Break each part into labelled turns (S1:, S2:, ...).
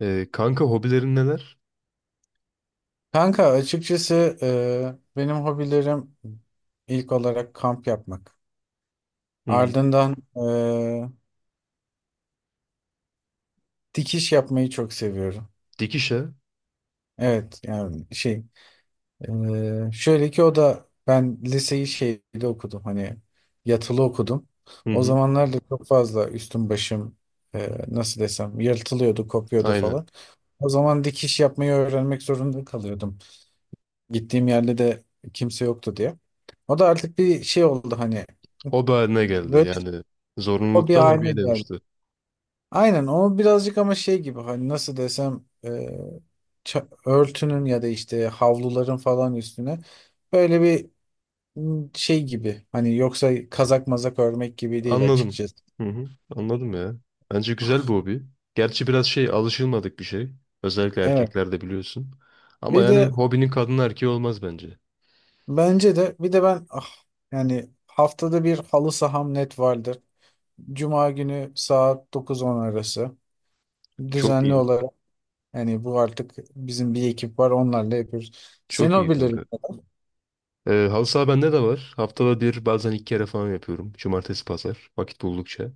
S1: Kanka hobilerin neler?
S2: Kanka, açıkçası benim hobilerim ilk olarak kamp yapmak.
S1: Hı hı.
S2: Ardından dikiş yapmayı çok seviyorum.
S1: Dikişe.
S2: Evet, yani şey, şöyle ki, o da ben liseyi şeyde okudum, hani yatılı okudum.
S1: Hı
S2: O
S1: hı.
S2: zamanlar da çok fazla üstüm başım, nasıl desem, yırtılıyordu, kopuyordu
S1: Aynen.
S2: falan. O zaman dikiş yapmayı öğrenmek zorunda kalıyordum. Gittiğim yerde de kimse yoktu diye. O da artık bir şey oldu hani.
S1: Hobi haline geldi.
S2: Böyle bir
S1: Yani
S2: hobi
S1: zorunluluktan
S2: haline
S1: hobiye
S2: geldi.
S1: dönüştü.
S2: Aynen, o birazcık, ama şey gibi hani, nasıl desem, örtünün ya da işte havluların falan üstüne böyle bir, şey gibi hani, yoksa kazak mazak örmek gibi değil
S1: Anladım.
S2: açıkçası.
S1: Hı hı. Anladım ya. Bence güzel bir hobi. Gerçi biraz şey alışılmadık bir şey. Özellikle
S2: Evet.
S1: erkeklerde biliyorsun. Ama
S2: Bir
S1: yani
S2: de,
S1: hobinin kadın erkeği olmaz bence.
S2: bence de, bir de ben, yani haftada bir halı saham net vardır. Cuma günü saat dokuz on arası
S1: Çok
S2: düzenli
S1: iyi.
S2: olarak, yani bu artık bizim bir ekip var, onlarla yapıyoruz. Sen
S1: Çok
S2: o
S1: iyi
S2: bilir.
S1: kanka. Halı saha bende de var. Haftada bir bazen iki kere falan yapıyorum. Cumartesi pazar. Vakit buldukça.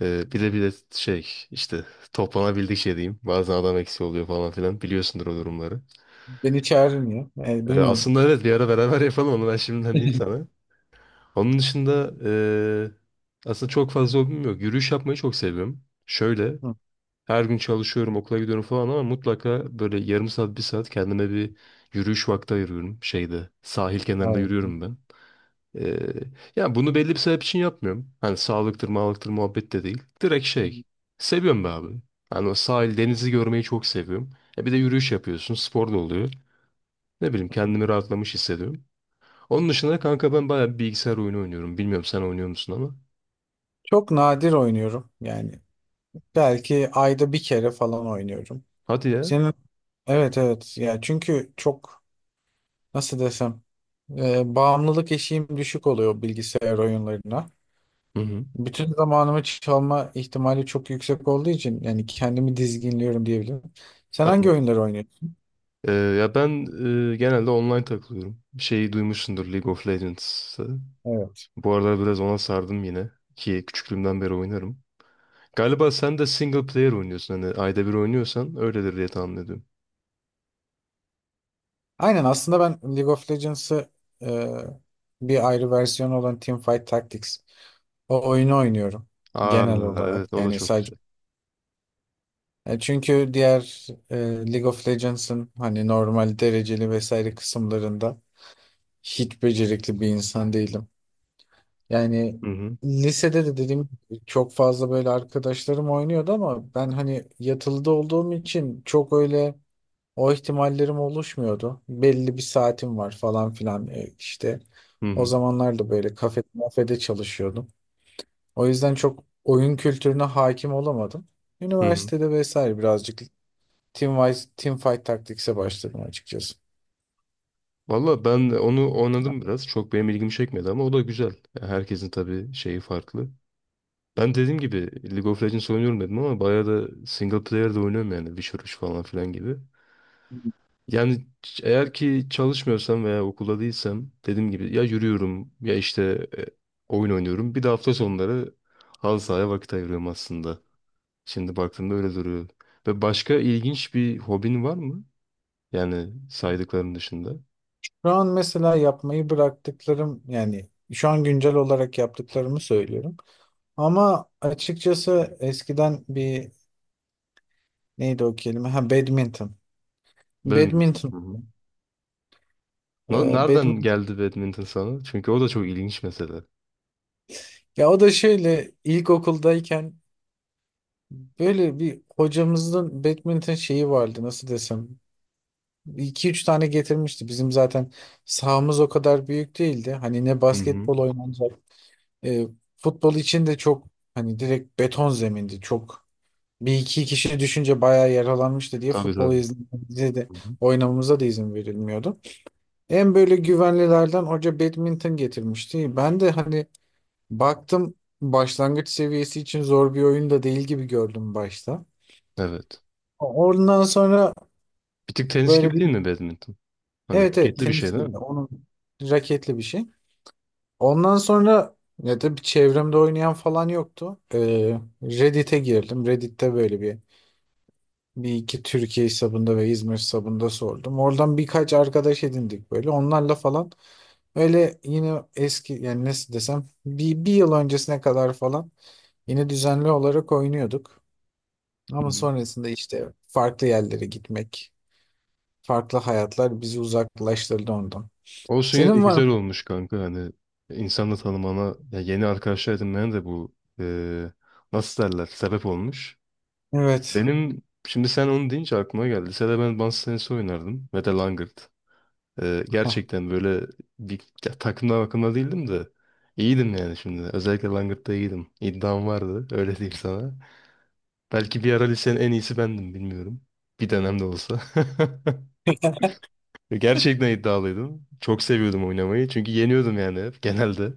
S1: Bir de şey işte toplanabildik şey diyeyim. Bazen adam eksiği oluyor falan filan. Biliyorsundur o durumları.
S2: Beni çağırmıyor. Yani
S1: Ee,
S2: bilmiyorum.
S1: aslında evet bir ara beraber yapalım onu ben şimdiden diyeyim sana. Onun dışında aslında çok fazla hobim yok. Yürüyüş yapmayı çok seviyorum. Şöyle
S2: Hı,
S1: her gün çalışıyorum okula gidiyorum falan ama mutlaka böyle yarım saat bir saat kendime bir yürüyüş vakti ayırıyorum. Şeyde sahil kenarında
S2: Hayır.
S1: yürüyorum ben. Ee, yani bunu belli bir sebep için yapmıyorum. Hani sağlıktır, mağlıktır muhabbet de değil. Direkt şey. Seviyorum be abi. Hani o sahil, denizi görmeyi çok seviyorum. Bir de yürüyüş yapıyorsun, spor da oluyor. Ne bileyim kendimi rahatlamış hissediyorum. Onun dışında kanka ben bayağı bir bilgisayar oyunu oynuyorum. Bilmiyorum sen oynuyor musun ama.
S2: Çok nadir oynuyorum yani. Belki ayda bir kere falan oynuyorum.
S1: Hadi ya.
S2: Senin, evet evet ya, çünkü çok, nasıl desem, bağımlılık eşiğim düşük oluyor bilgisayar oyunlarına.
S1: Hı hı.
S2: Bütün zamanımı çalma ihtimali çok yüksek olduğu için, yani kendimi dizginliyorum diyebilirim. Sen hangi
S1: Anladım.
S2: oyunları oynuyorsun?
S1: Ya ben genelde online takılıyorum. Şeyi duymuşsundur League of Legends'ı.
S2: Evet.
S1: Bu aralar biraz ona sardım yine. Ki küçüklüğümden beri oynarım. Galiba sen de single player oynuyorsun. Hani ayda bir oynuyorsan öyledir diye tahmin ediyorum.
S2: Aynen, aslında ben League of Legends'ı, e, bir ayrı versiyonu olan Teamfight Tactics, o oyunu oynuyorum
S1: Aa
S2: genel olarak.
S1: evet o da
S2: Yani
S1: çok
S2: sadece,
S1: güzel.
S2: Çünkü diğer, League of Legends'ın hani normal dereceli vesaire kısımlarında hiç becerikli bir insan değilim. Yani
S1: Hı hı.
S2: lisede de dedim, çok fazla böyle arkadaşlarım oynuyordu ama ben hani yatılıda olduğum için çok öyle, o ihtimallerim oluşmuyordu. Belli bir saatim var falan filan, işte.
S1: Hı
S2: O
S1: hı.
S2: zamanlar da böyle kafede çalışıyordum. O yüzden çok oyun kültürüne hakim olamadım.
S1: Hı hı.
S2: Üniversitede vesaire birazcık team, team fight taktikse başladım açıkçası.
S1: Valla ben de onu
S2: Ya,
S1: oynadım biraz. Çok benim ilgimi çekmedi ama o da güzel. Yani herkesin tabii şeyi farklı. Ben dediğim gibi League of Legends oynuyorum dedim ama bayağı da single player de oynuyorum yani. Witcher 3 falan filan gibi. Yani eğer ki çalışmıyorsam veya okulda değilsem dediğim gibi ya yürüyorum ya işte oyun oynuyorum. Bir de hafta sonları halı sahaya vakit ayırıyorum aslında. Şimdi baktığımda öyle duruyor. Ve başka ilginç bir hobin var mı? Yani saydıkların dışında.
S2: şu an mesela yapmayı bıraktıklarım, yani şu an güncel olarak yaptıklarımı söylüyorum. Ama açıkçası eskiden bir, neydi o kelime? Ha, badminton.
S1: Badminton.
S2: Badminton.
S1: Hı hı. Nereden
S2: Badminton.
S1: geldi badminton sana? Çünkü o da çok ilginç mesele.
S2: Ya o da şöyle, ilkokuldayken böyle bir hocamızın badminton şeyi vardı, nasıl desem. İki üç tane getirmişti. Bizim zaten sahamız o kadar büyük değildi. Hani ne
S1: Hı hı.
S2: basketbol oynanacak. e, Futbol için de çok, hani direkt beton zemindi. Çok, bir iki kişi düşünce bayağı yaralanmıştı diye
S1: Tabii
S2: futbol
S1: tabii.
S2: izlememize de
S1: Hı hı.
S2: oynamamıza da izin verilmiyordu. En böyle güvenlilerden hoca badminton getirmişti. Ben de hani baktım, başlangıç seviyesi için zor bir oyun da değil gibi gördüm başta.
S1: Evet.
S2: Ondan sonra
S1: Bir tık tenis
S2: böyle
S1: gibi
S2: bir,
S1: değil mi badminton? Hani
S2: evet evet,
S1: raketli bir
S2: tenis
S1: şey değil
S2: gibi,
S1: mi?
S2: onun raketli bir şey. Ondan sonra, ya da bir çevremde oynayan falan yoktu. Reddit'e girdim. Reddit'te böyle bir, bir iki Türkiye hesabında ve İzmir hesabında sordum. Oradan birkaç arkadaş edindik böyle. Onlarla falan öyle yine eski, yani nasıl desem, bir yıl öncesine kadar falan yine düzenli olarak oynuyorduk.
S1: Hı
S2: Ama
S1: hı.
S2: sonrasında işte farklı yerlere gitmek, farklı hayatlar bizi uzaklaştırdı ondan.
S1: Olsun yine de
S2: Senin var mı?
S1: güzel olmuş kanka. Hani insanla tanımana, ya yeni arkadaşlar edinmene de bu nasıl derler sebep olmuş.
S2: Evet.
S1: Benim Şimdi sen onu deyince aklıma geldi. Lisede ben masa tenisi oynardım. Ve de langırt. Ee,
S2: Heh.
S1: gerçekten böyle bir ya, takımdan bakımda değildim de iyiydim yani şimdi. Özellikle Langırt'ta iyiydim. İddiam vardı. Öyle diyeyim sana. Belki bir ara lisenin en iyisi bendim bilmiyorum. Bir dönem de olsa. Gerçekten iddialıydım. Çok seviyordum oynamayı. Çünkü yeniyordum yani hep genelde.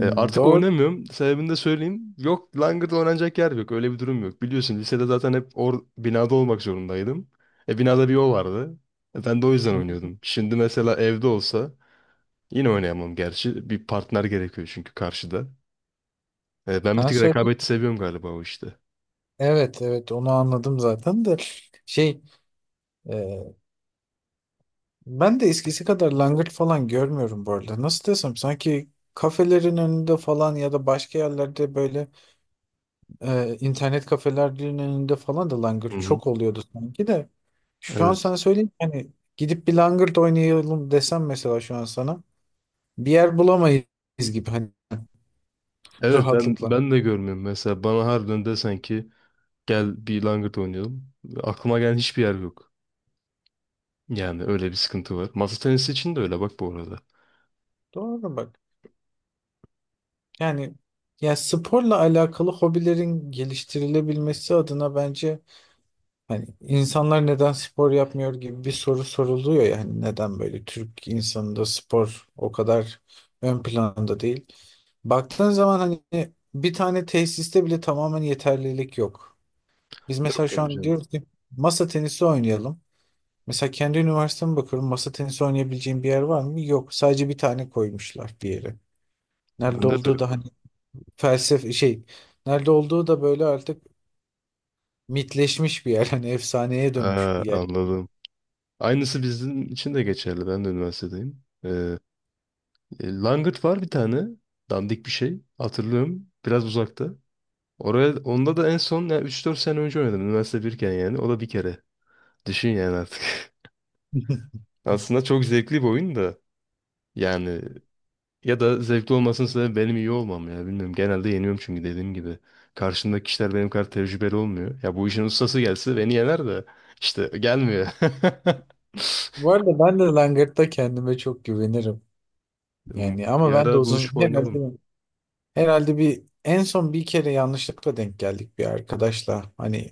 S1: Ee, artık
S2: doğru.
S1: oynamıyorum. Sebebini de söyleyeyim. Yok Langırt oynanacak yer yok. Öyle bir durum yok. Biliyorsun lisede zaten hep binada olmak zorundaydım. Binada bir o vardı. Ben de o yüzden oynuyordum. Şimdi mesela evde olsa yine oynayamam gerçi. Bir partner gerekiyor çünkü karşıda. Ben bir
S2: Ben
S1: tık
S2: söyleyeyim.
S1: rekabeti seviyorum galiba o işte.
S2: Evet evet, onu anladım zaten de, şey, e, ben de eskisi kadar langırt falan görmüyorum bu arada. Nasıl desem, sanki kafelerin önünde falan ya da başka yerlerde böyle, internet kafelerinin önünde falan da
S1: Hı
S2: langırt
S1: hı.
S2: çok oluyordu sanki de. Şu an
S1: Evet.
S2: sana söyleyeyim ki hani, gidip bir langırt oynayalım desem mesela şu an sana, bir yer bulamayız gibi, hani
S1: Evet ben
S2: rahatlıkla.
S1: ben de görmüyorum. Mesela bana harbiden desen ki gel bir langırt oynayalım. Aklıma gelen hiçbir yer yok. Yani öyle bir sıkıntı var. Masa tenisi için de öyle bak bu arada.
S2: Doğru bak. Yani, ya sporla alakalı hobilerin geliştirilebilmesi adına, bence hani insanlar neden spor yapmıyor gibi bir soru soruluyor ya, hani neden böyle Türk insanında spor o kadar ön planda değil. Baktığın zaman hani bir tane tesiste bile tamamen yeterlilik yok. Biz
S1: Yok
S2: mesela şu
S1: tabii
S2: an
S1: canım.
S2: diyoruz ki masa tenisi oynayalım. Mesela kendi üniversiteme bakıyorum. Masa tenisi oynayabileceğim bir yer var mı? Yok. Sadece bir tane koymuşlar bir yere. Nerede
S1: Bende de
S2: olduğu da
S1: yok.
S2: hani, felsefe şey, nerede olduğu da böyle artık mitleşmiş bir yer. Hani efsaneye dönmüş
S1: Ha,
S2: bir yer.
S1: anladım. Aynısı bizim için de geçerli. Ben de üniversitedeyim. Langırt var bir tane. Dandik bir şey. Hatırlıyorum. Biraz uzakta. Oraya, onda da en son yani 3-4 sene önce oynadım. Üniversite birken yani. O da bir kere. Düşün yani artık. Aslında çok zevkli bir oyun da. Yani ya da zevkli olmasının sebebi benim iyi olmam ya. Bilmiyorum. Genelde yeniyorum çünkü dediğim gibi. Karşımdaki kişiler benim kadar tecrübeli olmuyor. Ya bu işin ustası gelse beni yener de işte gelmiyor.
S2: Bu arada ben de Langırt'ta kendime çok güvenirim. Yani
S1: Bir
S2: ama ben de
S1: ara buluşup
S2: uzun, herhalde,
S1: oynayalım.
S2: herhalde bir en son bir kere yanlışlıkla denk geldik bir arkadaşla. Hani,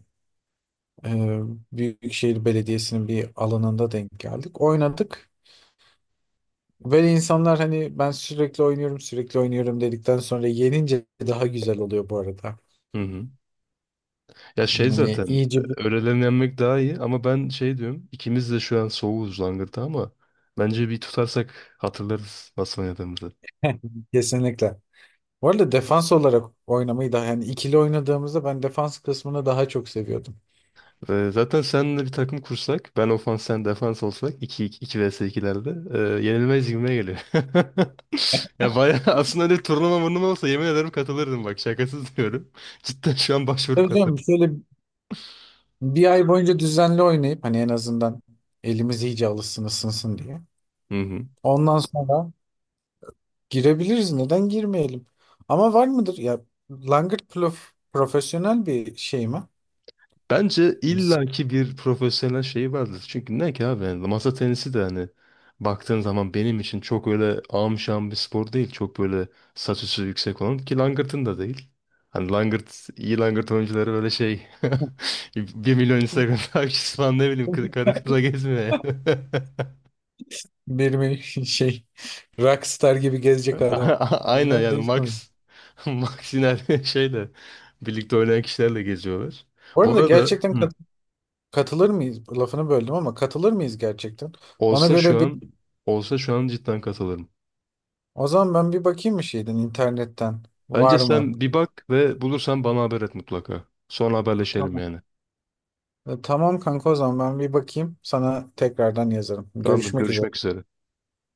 S2: e, Büyükşehir Belediyesi'nin bir alanında denk geldik. Oynadık. Böyle insanlar, hani ben sürekli oynuyorum sürekli oynuyorum dedikten sonra yenince daha güzel oluyor bu arada.
S1: Hı hı. Ya şey
S2: Yani
S1: zaten
S2: iyice bir...
S1: öğlelerini yenmek daha iyi ama ben şey diyorum ikimiz de şu an soğuğuz langırta ama bence bir tutarsak hatırlarız nasıl oynadığımızı.
S2: Kesinlikle. Bu arada defans olarak oynamayı da, yani ikili oynadığımızda ben defans kısmını daha çok seviyordum.
S1: Zaten seninle bir takım kursak, ben ofans sen defans olsak 2 2 vs 2'lerde yenilmez gibime geliyor. Ya bayağı aslında öyle bir turnuva murnuva olsa yemin ederim katılırdım bak şakasız diyorum. Cidden şu an başvurup
S2: Tabii canım,
S1: katılırım.
S2: şöyle bir ay boyunca düzenli oynayıp hani en azından elimiz iyice alışsın, ısınsın diye.
S1: Hı hı.
S2: Ondan sonra girebiliriz. Neden girmeyelim? Ama var mıdır? Ya, Langırt Plof profesyonel bir şey mi?
S1: Bence illaki bir profesyonel şeyi vardır. Çünkü ne ki abi yani masa tenisi de hani baktığın zaman benim için çok öyle amşan bir spor değil. Çok böyle saç üstü yüksek olan ki langırtın da değil. Hani langırt, iyi langırt oyuncuları öyle şey bir milyon Instagram takipçisi falan ne bileyim karı kıza gezmiyor yani.
S2: Benim, şey, rockstar gibi gezecek
S1: Aynen
S2: adamlar
S1: yani
S2: değil sanırım.
S1: Max Max yine şeyle birlikte oynayan kişilerle geziyorlar.
S2: Bu
S1: Bu
S2: arada
S1: arada
S2: gerçekten
S1: Hı.
S2: katılır mıyız? Lafını böldüm ama katılır mıyız gerçekten? Ona
S1: olsa şu
S2: göre bir,
S1: an olsa şu an cidden katılırım.
S2: o zaman ben bir bakayım bir şeyden, internetten,
S1: Bence
S2: var mı?
S1: sen bir bak ve bulursan bana haber et mutlaka. Sonra haberleşelim
S2: Tamam.
S1: yani.
S2: E, tamam kanka, o zaman ben bir bakayım, sana tekrardan yazarım.
S1: Tamamdır,
S2: Görüşmek üzere.
S1: görüşmek üzere.